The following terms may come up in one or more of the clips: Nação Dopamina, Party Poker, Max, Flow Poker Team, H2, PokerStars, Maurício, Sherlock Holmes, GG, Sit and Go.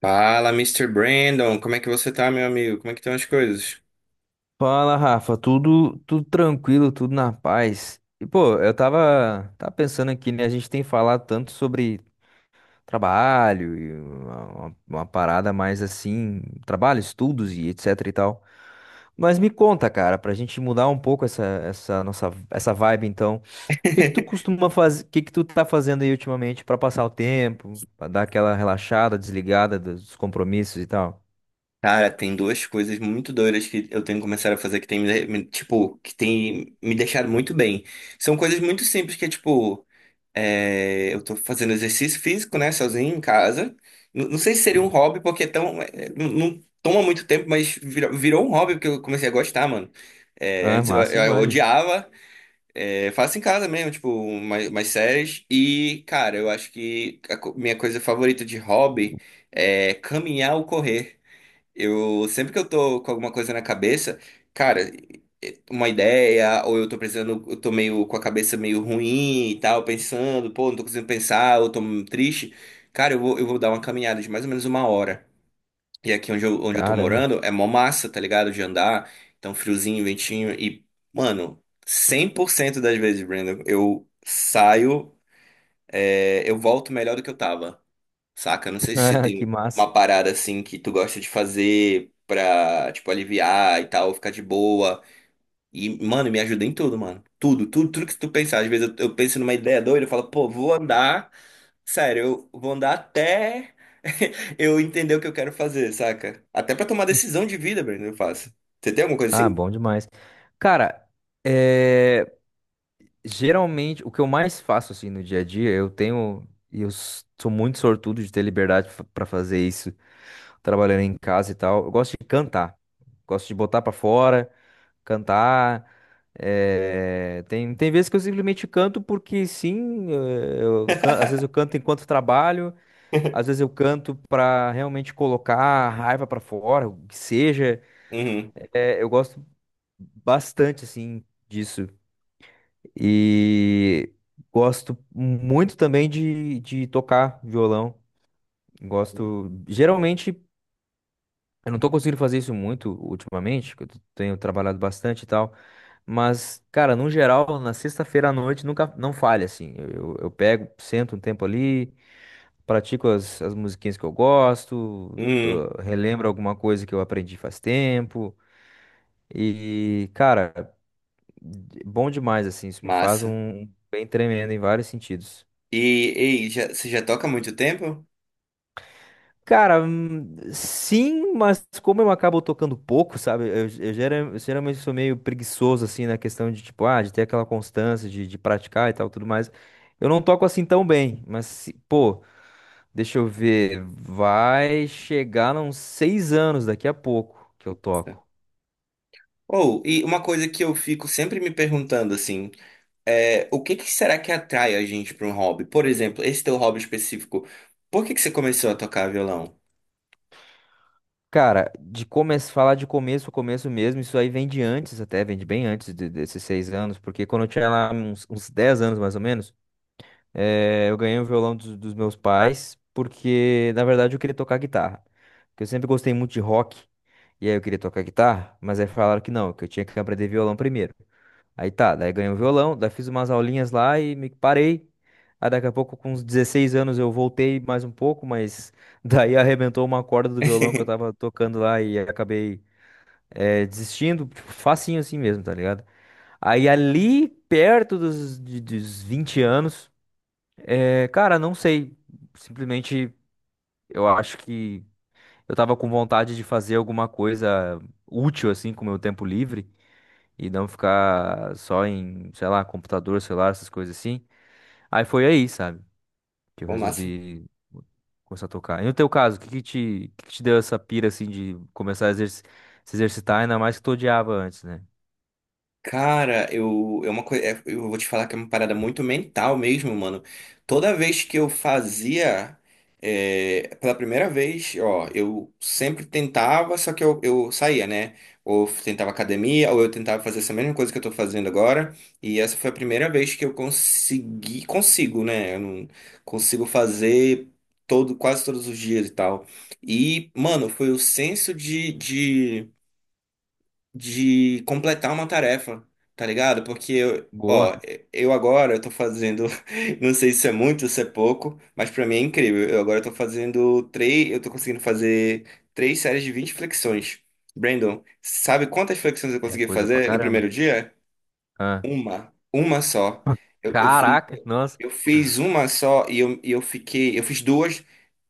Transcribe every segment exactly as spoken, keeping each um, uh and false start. Fala, Mister Brandon, como é que você tá, meu amigo? Como é que estão as coisas? Fala, Rafa, tudo, tudo tranquilo, tudo na paz. E pô, eu tava, tava pensando aqui, né? A gente tem falado tanto sobre trabalho e uma, uma- uma parada mais assim, trabalho, estudos e etc e tal. Mas me conta, cara, pra gente mudar um pouco essa, essa nossa, essa vibe, então, o que que tu costuma fazer, o que que tu tá fazendo aí ultimamente pra passar o tempo, pra dar aquela relaxada, desligada dos compromissos e tal? Cara, tem duas coisas muito doidas que eu tenho começado a fazer que tem me, me- tipo, que tem me deixado muito bem. São coisas muito simples que é tipo, é, eu tô fazendo exercício físico, né, sozinho em casa. N- Não sei se seria um hobby, porque é tão, é, não não toma muito tempo, mas virou, virou um hobby porque eu comecei a gostar, mano. É, Ah, antes eu, massa eu demais. odiava. É, faço em casa mesmo, tipo, umas, umas séries. E, cara, eu acho que a co- minha coisa favorita de hobby é caminhar ou correr. Eu, sempre que eu tô com alguma coisa na cabeça, cara, uma ideia, ou eu tô precisando, eu tô meio com a cabeça meio ruim e tal, pensando, pô, não tô conseguindo pensar, ou tô triste, cara, eu vou, eu vou dar uma caminhada de mais ou menos uma hora. E aqui onde eu, onde eu tô Caramba, morando é mó massa, tá ligado? De andar. Então, friozinho, ventinho. E, mano, cem por cento das vezes, Brandon, eu saio, é, eu volto melhor do que eu tava, saca? Não sei se você que tem massa. uma parada assim que tu gosta de fazer pra, tipo, aliviar e tal, ficar de boa. E, mano, me ajuda em tudo, mano. Tudo, tudo, tudo que tu pensar. Às vezes eu, eu penso numa ideia doida, eu falo, pô, vou andar. Sério, eu vou andar até eu entender o que eu quero fazer, saca? Até pra tomar decisão de vida, Breno, eu faço. Você tem alguma coisa Ah, assim? bom demais. Cara, é, geralmente o que eu mais faço assim no dia a dia, eu tenho e eu s- sou muito sortudo de ter liberdade para fazer isso, trabalhando em casa e tal. Eu gosto de cantar, gosto de botar pra fora, cantar. é, Tem tem vezes que eu simplesmente canto porque sim, eh, eu can- às vezes eu canto enquanto trabalho, às vezes eu canto pra realmente colocar a raiva pra fora, o que seja. Uhum, É, eu gosto bastante assim disso. E gosto muito também de, de tocar violão. Gosto. Geralmente, eu não tô conseguindo fazer isso muito ultimamente, porque eu tenho trabalhado bastante e tal. Mas, cara, no geral, na sexta-feira à noite nunca não falha, assim. Eu, eu, eu pego, sento um tempo ali, pratico as, as musiquinhas que eu gosto, uhum, tô- relembro alguma coisa que eu aprendi faz tempo. E, cara, bom demais, assim. Isso me faz massa. um bem tremendo em vários sentidos. E, ei, já, você já toca há muito tempo? Cara, hum, sim, mas como eu acabo tocando pouco, sabe? Eu, eu gera- eu geralmente sou meio preguiçoso, assim, na questão de, tipo, ah, de ter aquela constância, de, de praticar e tal, tudo mais. Eu não toco assim tão bem, mas, se- pô, deixa eu ver, vai chegar a uns seis anos daqui a pouco que eu toco. Ou, e uma coisa que eu fico sempre me perguntando, assim, é, o que que será que atrai a gente pra um hobby? Por exemplo, esse teu hobby específico, por que que você começou a tocar violão? Cara, de começo, falar de começo, começo mesmo, isso aí vem de antes, até, vem de bem antes de- desses seis anos, porque quando eu tinha lá uns, uns dez anos, mais ou menos. Eh, eu ganhei o violão dos, dos meus pais porque, na verdade, eu queria tocar guitarra. Porque eu sempre gostei muito de rock. E aí eu queria tocar guitarra, mas aí falaram que não, que eu tinha que aprender violão primeiro. Aí tá, daí ganhei o violão, daí fiz umas aulinhas lá e me parei. Aí daqui a pouco, com uns dezesseis anos, eu voltei mais um pouco, mas daí arrebentou uma corda do violão que eu tava tocando lá e acabei eh, desistindo, tipo, facinho assim mesmo, tá ligado? Aí ali, perto dos, de- dos vinte anos. É, cara, não sei. Simplesmente eu acho que eu tava com vontade de fazer alguma coisa útil assim com o meu tempo livre e não ficar só em, sei lá, computador, celular, essas coisas assim. Aí foi aí, sabe, que eu Pô, massa. resolvi começar a tocar. E no teu caso, o que que te, o que que te deu essa pira assim de começar a exerci- se exercitar, ainda mais que tu odiava antes, né? Cara, eu, é uma coi- é- eu vou te falar que é uma parada muito mental mesmo, mano. Toda vez que eu fazia, é, pela primeira vez, ó, eu sempre tentava, só que eu, eu saía, né? Ou tentava academia, ou eu tentava fazer essa mesma coisa que eu tô fazendo agora. E essa foi a primeira vez que eu consegui, consigo, né? Eu não consigo fazer todo, quase todos os dias e tal. E, mano, foi o senso de, de de completar uma tarefa, tá ligado? Porque eu, Boa, ó, eu agora tô fazendo, não sei se é muito, se é pouco, mas pra mim é incrível. Eu agora tô fazendo três, eu tô conseguindo fazer três séries de vinte flexões. Brandon, sabe quantas flexões eu é consegui coisa pra fazer no caramba. primeiro dia? Ah, Uma, uma só. Eu, eu fui- caraca, nossa, eu fiz uma só e eu, e eu fiquei. Eu fiz duas,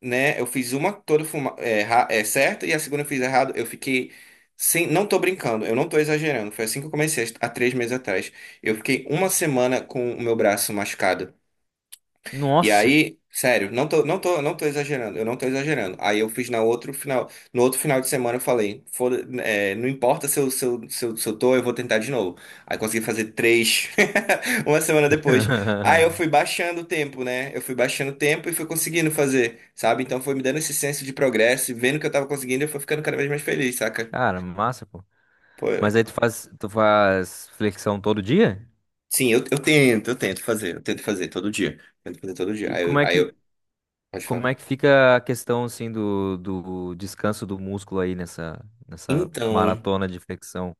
né? Eu fiz uma toda fuma- é, ra- é, certa e a segunda eu fiz errado. Eu fiquei sem, não tô brincando, eu não tô exagerando. Foi assim que eu comecei há três meses atrás. Eu fiquei uma semana com o meu braço machucado. E nossa. aí, sério, não tô, não tô, não tô exagerando, eu não tô exagerando. Aí eu fiz na outro final, no outro final de semana eu falei, foda, é, não importa se eu, se eu, se eu, se eu tô, eu vou tentar de novo. Aí consegui fazer três, uma semana depois. Aí eu fui baixando o tempo, né? Eu fui baixando o tempo e fui conseguindo fazer, sabe? Então foi me dando esse senso de progresso e vendo que eu tava conseguindo, eu fui ficando cada vez mais feliz, saca? Cara, massa. Pô, é. Mas aí tu faz, tu faz flexão todo dia? Sim, eu, eu tento, eu tento fazer, eu tento fazer todo dia. Tento fazer todo dia. E Aí, eu- como é aí que, eu, pode como falar. é que fica a questão assim do, do descanso do músculo aí nessa, nessa Então. maratona de flexão?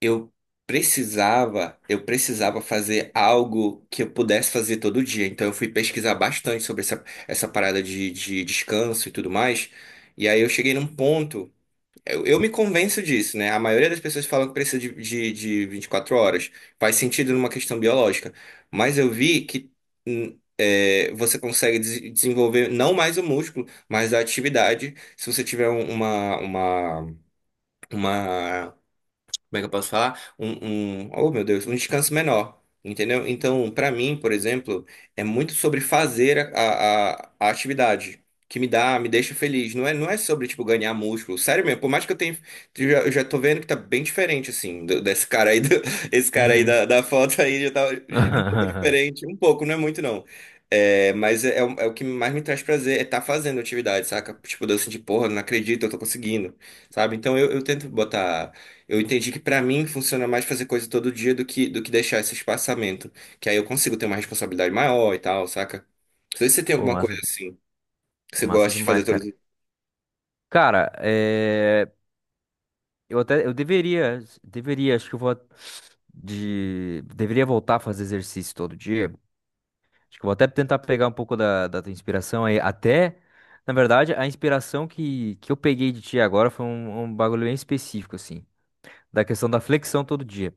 Eu precisava, eu precisava fazer algo que eu pudesse fazer todo dia. Então eu fui pesquisar bastante sobre essa, essa parada de, de descanso e tudo mais. E aí eu cheguei num ponto. Eu, eu me convenço disso, né? A maioria das pessoas falam que precisa de, de, de vinte e quatro horas. Faz sentido numa questão biológica. Mas eu vi que hum, é, você consegue des- desenvolver não mais o músculo, mas a atividade, se você tiver um- uma, uma, uma como é que eu posso falar? Um, um, oh meu Deus, um descanso menor, entendeu? Então, para mim, por exemplo, é muito sobre fazer a, a, a atividade. Que me dá, me deixa feliz. Não é, não é sobre, tipo, ganhar músculo. Sério mesmo, por mais que eu tenha. Eu já, eu já tô vendo que tá bem diferente, assim, do- desse cara aí, do- esse cara aí Uhum. da, da foto aí já tá um pouco diferente. Um pouco, não é muito, não. É, mas é, é o é o que mais me traz prazer, é estar fazendo atividade, saca? Tipo, de eu sentir, porra, não acredito, eu tô conseguindo, sabe? Então eu, eu tento botar. Eu entendi que pra mim funciona mais fazer coisa todo dia do que, do que deixar esse espaçamento. Que aí eu consigo ter uma responsabilidade maior e tal, saca? Não sei se você tem Pô, alguma massa, coisa assim que você massa gosta de fazer demais, todo cara. dia. Cara, é, eu até eu deveria, deveria, acho que eu vou de deveria voltar a fazer exercício todo dia. Acho que eu vou até tentar pegar um pouco da, da tua inspiração aí. Até, na verdade, a inspiração que, que eu peguei de ti agora foi um, um bagulho bem específico, assim, da questão da flexão todo dia.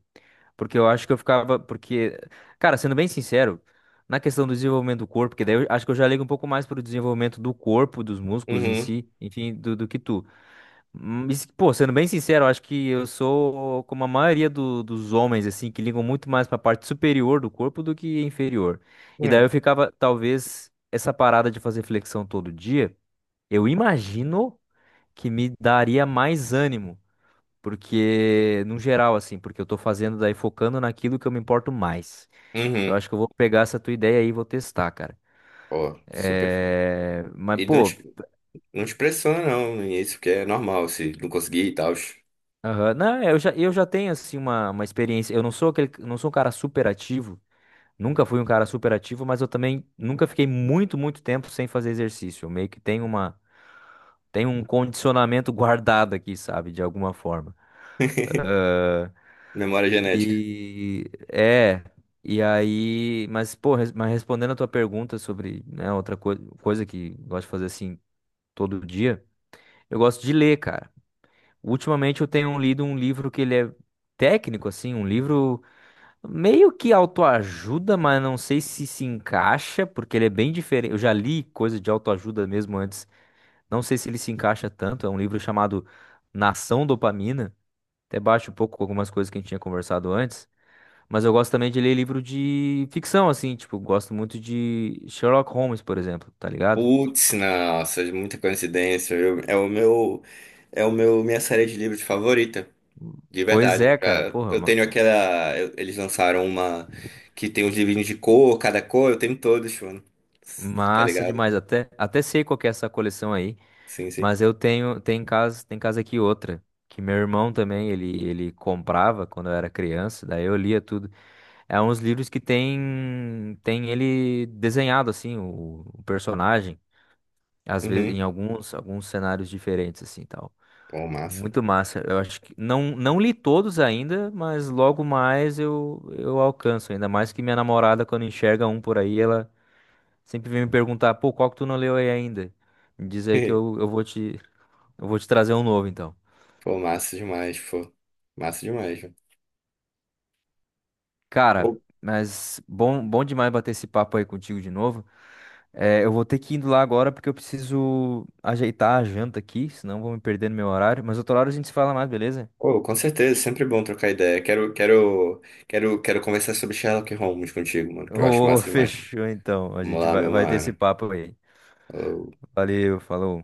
Porque eu acho que eu ficava. Porque, cara, sendo bem sincero, na questão do desenvolvimento do corpo, que daí eu acho que eu já ligo um pouco mais pro desenvolvimento do corpo, dos músculos em Uhum. si, enfim, do, do que tu. Hum, isso- Pô, sendo bem sincero, eu acho que eu sou como a maioria do- dos homens, assim, que ligam muito mais pra parte superior do corpo do que inferior. E daí É. eu ficava, talvez, essa parada de fazer flexão todo dia, eu imagino que me daria mais ânimo, porque, no geral, assim, porque eu tô fazendo daí focando naquilo que eu me importo mais. Eu Uhum. acho que eu vou pegar essa tua ideia aí e vou testar, cara. Ó, super. Fun. É... Mas, E não pô. te, não te pressiona, não. Isso porque é normal, se não conseguir e tal. Aham. Não, eu já, eu já tenho assim uma, uma experiência. Eu não sou aquele, não sou um cara super ativo, nunca fui um cara super ativo, mas eu também nunca fiquei muito, muito tempo sem fazer exercício. Eu meio que tenho uma, tenho um condicionamento guardado aqui, sabe, de alguma forma. Aham. Memória genética. E é, e aí, mas pô, res- mas respondendo a tua pergunta sobre, né, outra coi- coisa que eu gosto de fazer assim todo dia, eu gosto de ler, cara. Ultimamente eu tenho lido um livro que ele é técnico assim, um livro meio que autoajuda, mas não sei se se encaixa, porque ele é bem diferente. Eu já li coisa de autoajuda mesmo antes, não sei se ele se encaixa tanto. É um livro chamado Nação Dopamina, até bate um pouco com algumas coisas que a gente tinha conversado antes. Mas eu gosto também de ler livro de ficção, assim, tipo, gosto muito de Sherlock Holmes, por exemplo, tá ligado? Putz, nossa, muita coincidência. Eu- é o meu, é o meu, minha série de livros favorita. De Pois verdade. é, cara, já- porra, Eu ma- tenho aquela. eu- Eles lançaram uma que tem os livrinhos de cor, cada cor, eu tenho todos, mano. Tá massa ligado? demais. Até, até sei qual que é essa coleção aí. Sim, sim. Mas eu tenho, tem casa, tem casa aqui outra, que meu irmão também, ele, ele comprava quando eu era criança, daí eu lia tudo. É uns livros que tem, tem ele desenhado, assim, o, o personagem, às vezes Uhum. em alguns, alguns cenários diferentes, assim, tal. Pô, massa. Muito massa. Eu acho que não, não li todos ainda, mas logo mais eu, eu alcanço. Ainda mais que minha namorada, quando enxerga um por aí, ela sempre vem me perguntar, pô, qual que tu não leu aí ainda? Me diz aí que eu, eu vou te, eu vou te trazer um novo, então. Pô, massa demais, pô. Massa demais, mano. Cara, Pô, mas bom, bom demais bater esse papo aí contigo de novo. É, eu vou ter que ir indo lá agora porque eu preciso ajeitar a janta aqui, senão eu vou me perder no meu horário. Mas outro horário a gente se fala mais, beleza? pô, com certeza, sempre bom trocar ideia. Quero, quero, quero, quero conversar sobre Sherlock Holmes contigo, mano, que eu acho Ô, massa demais. fechou então. A Vamos gente lá, vai, meu vai ter esse mano. papo aí. Falou. Valeu, falou.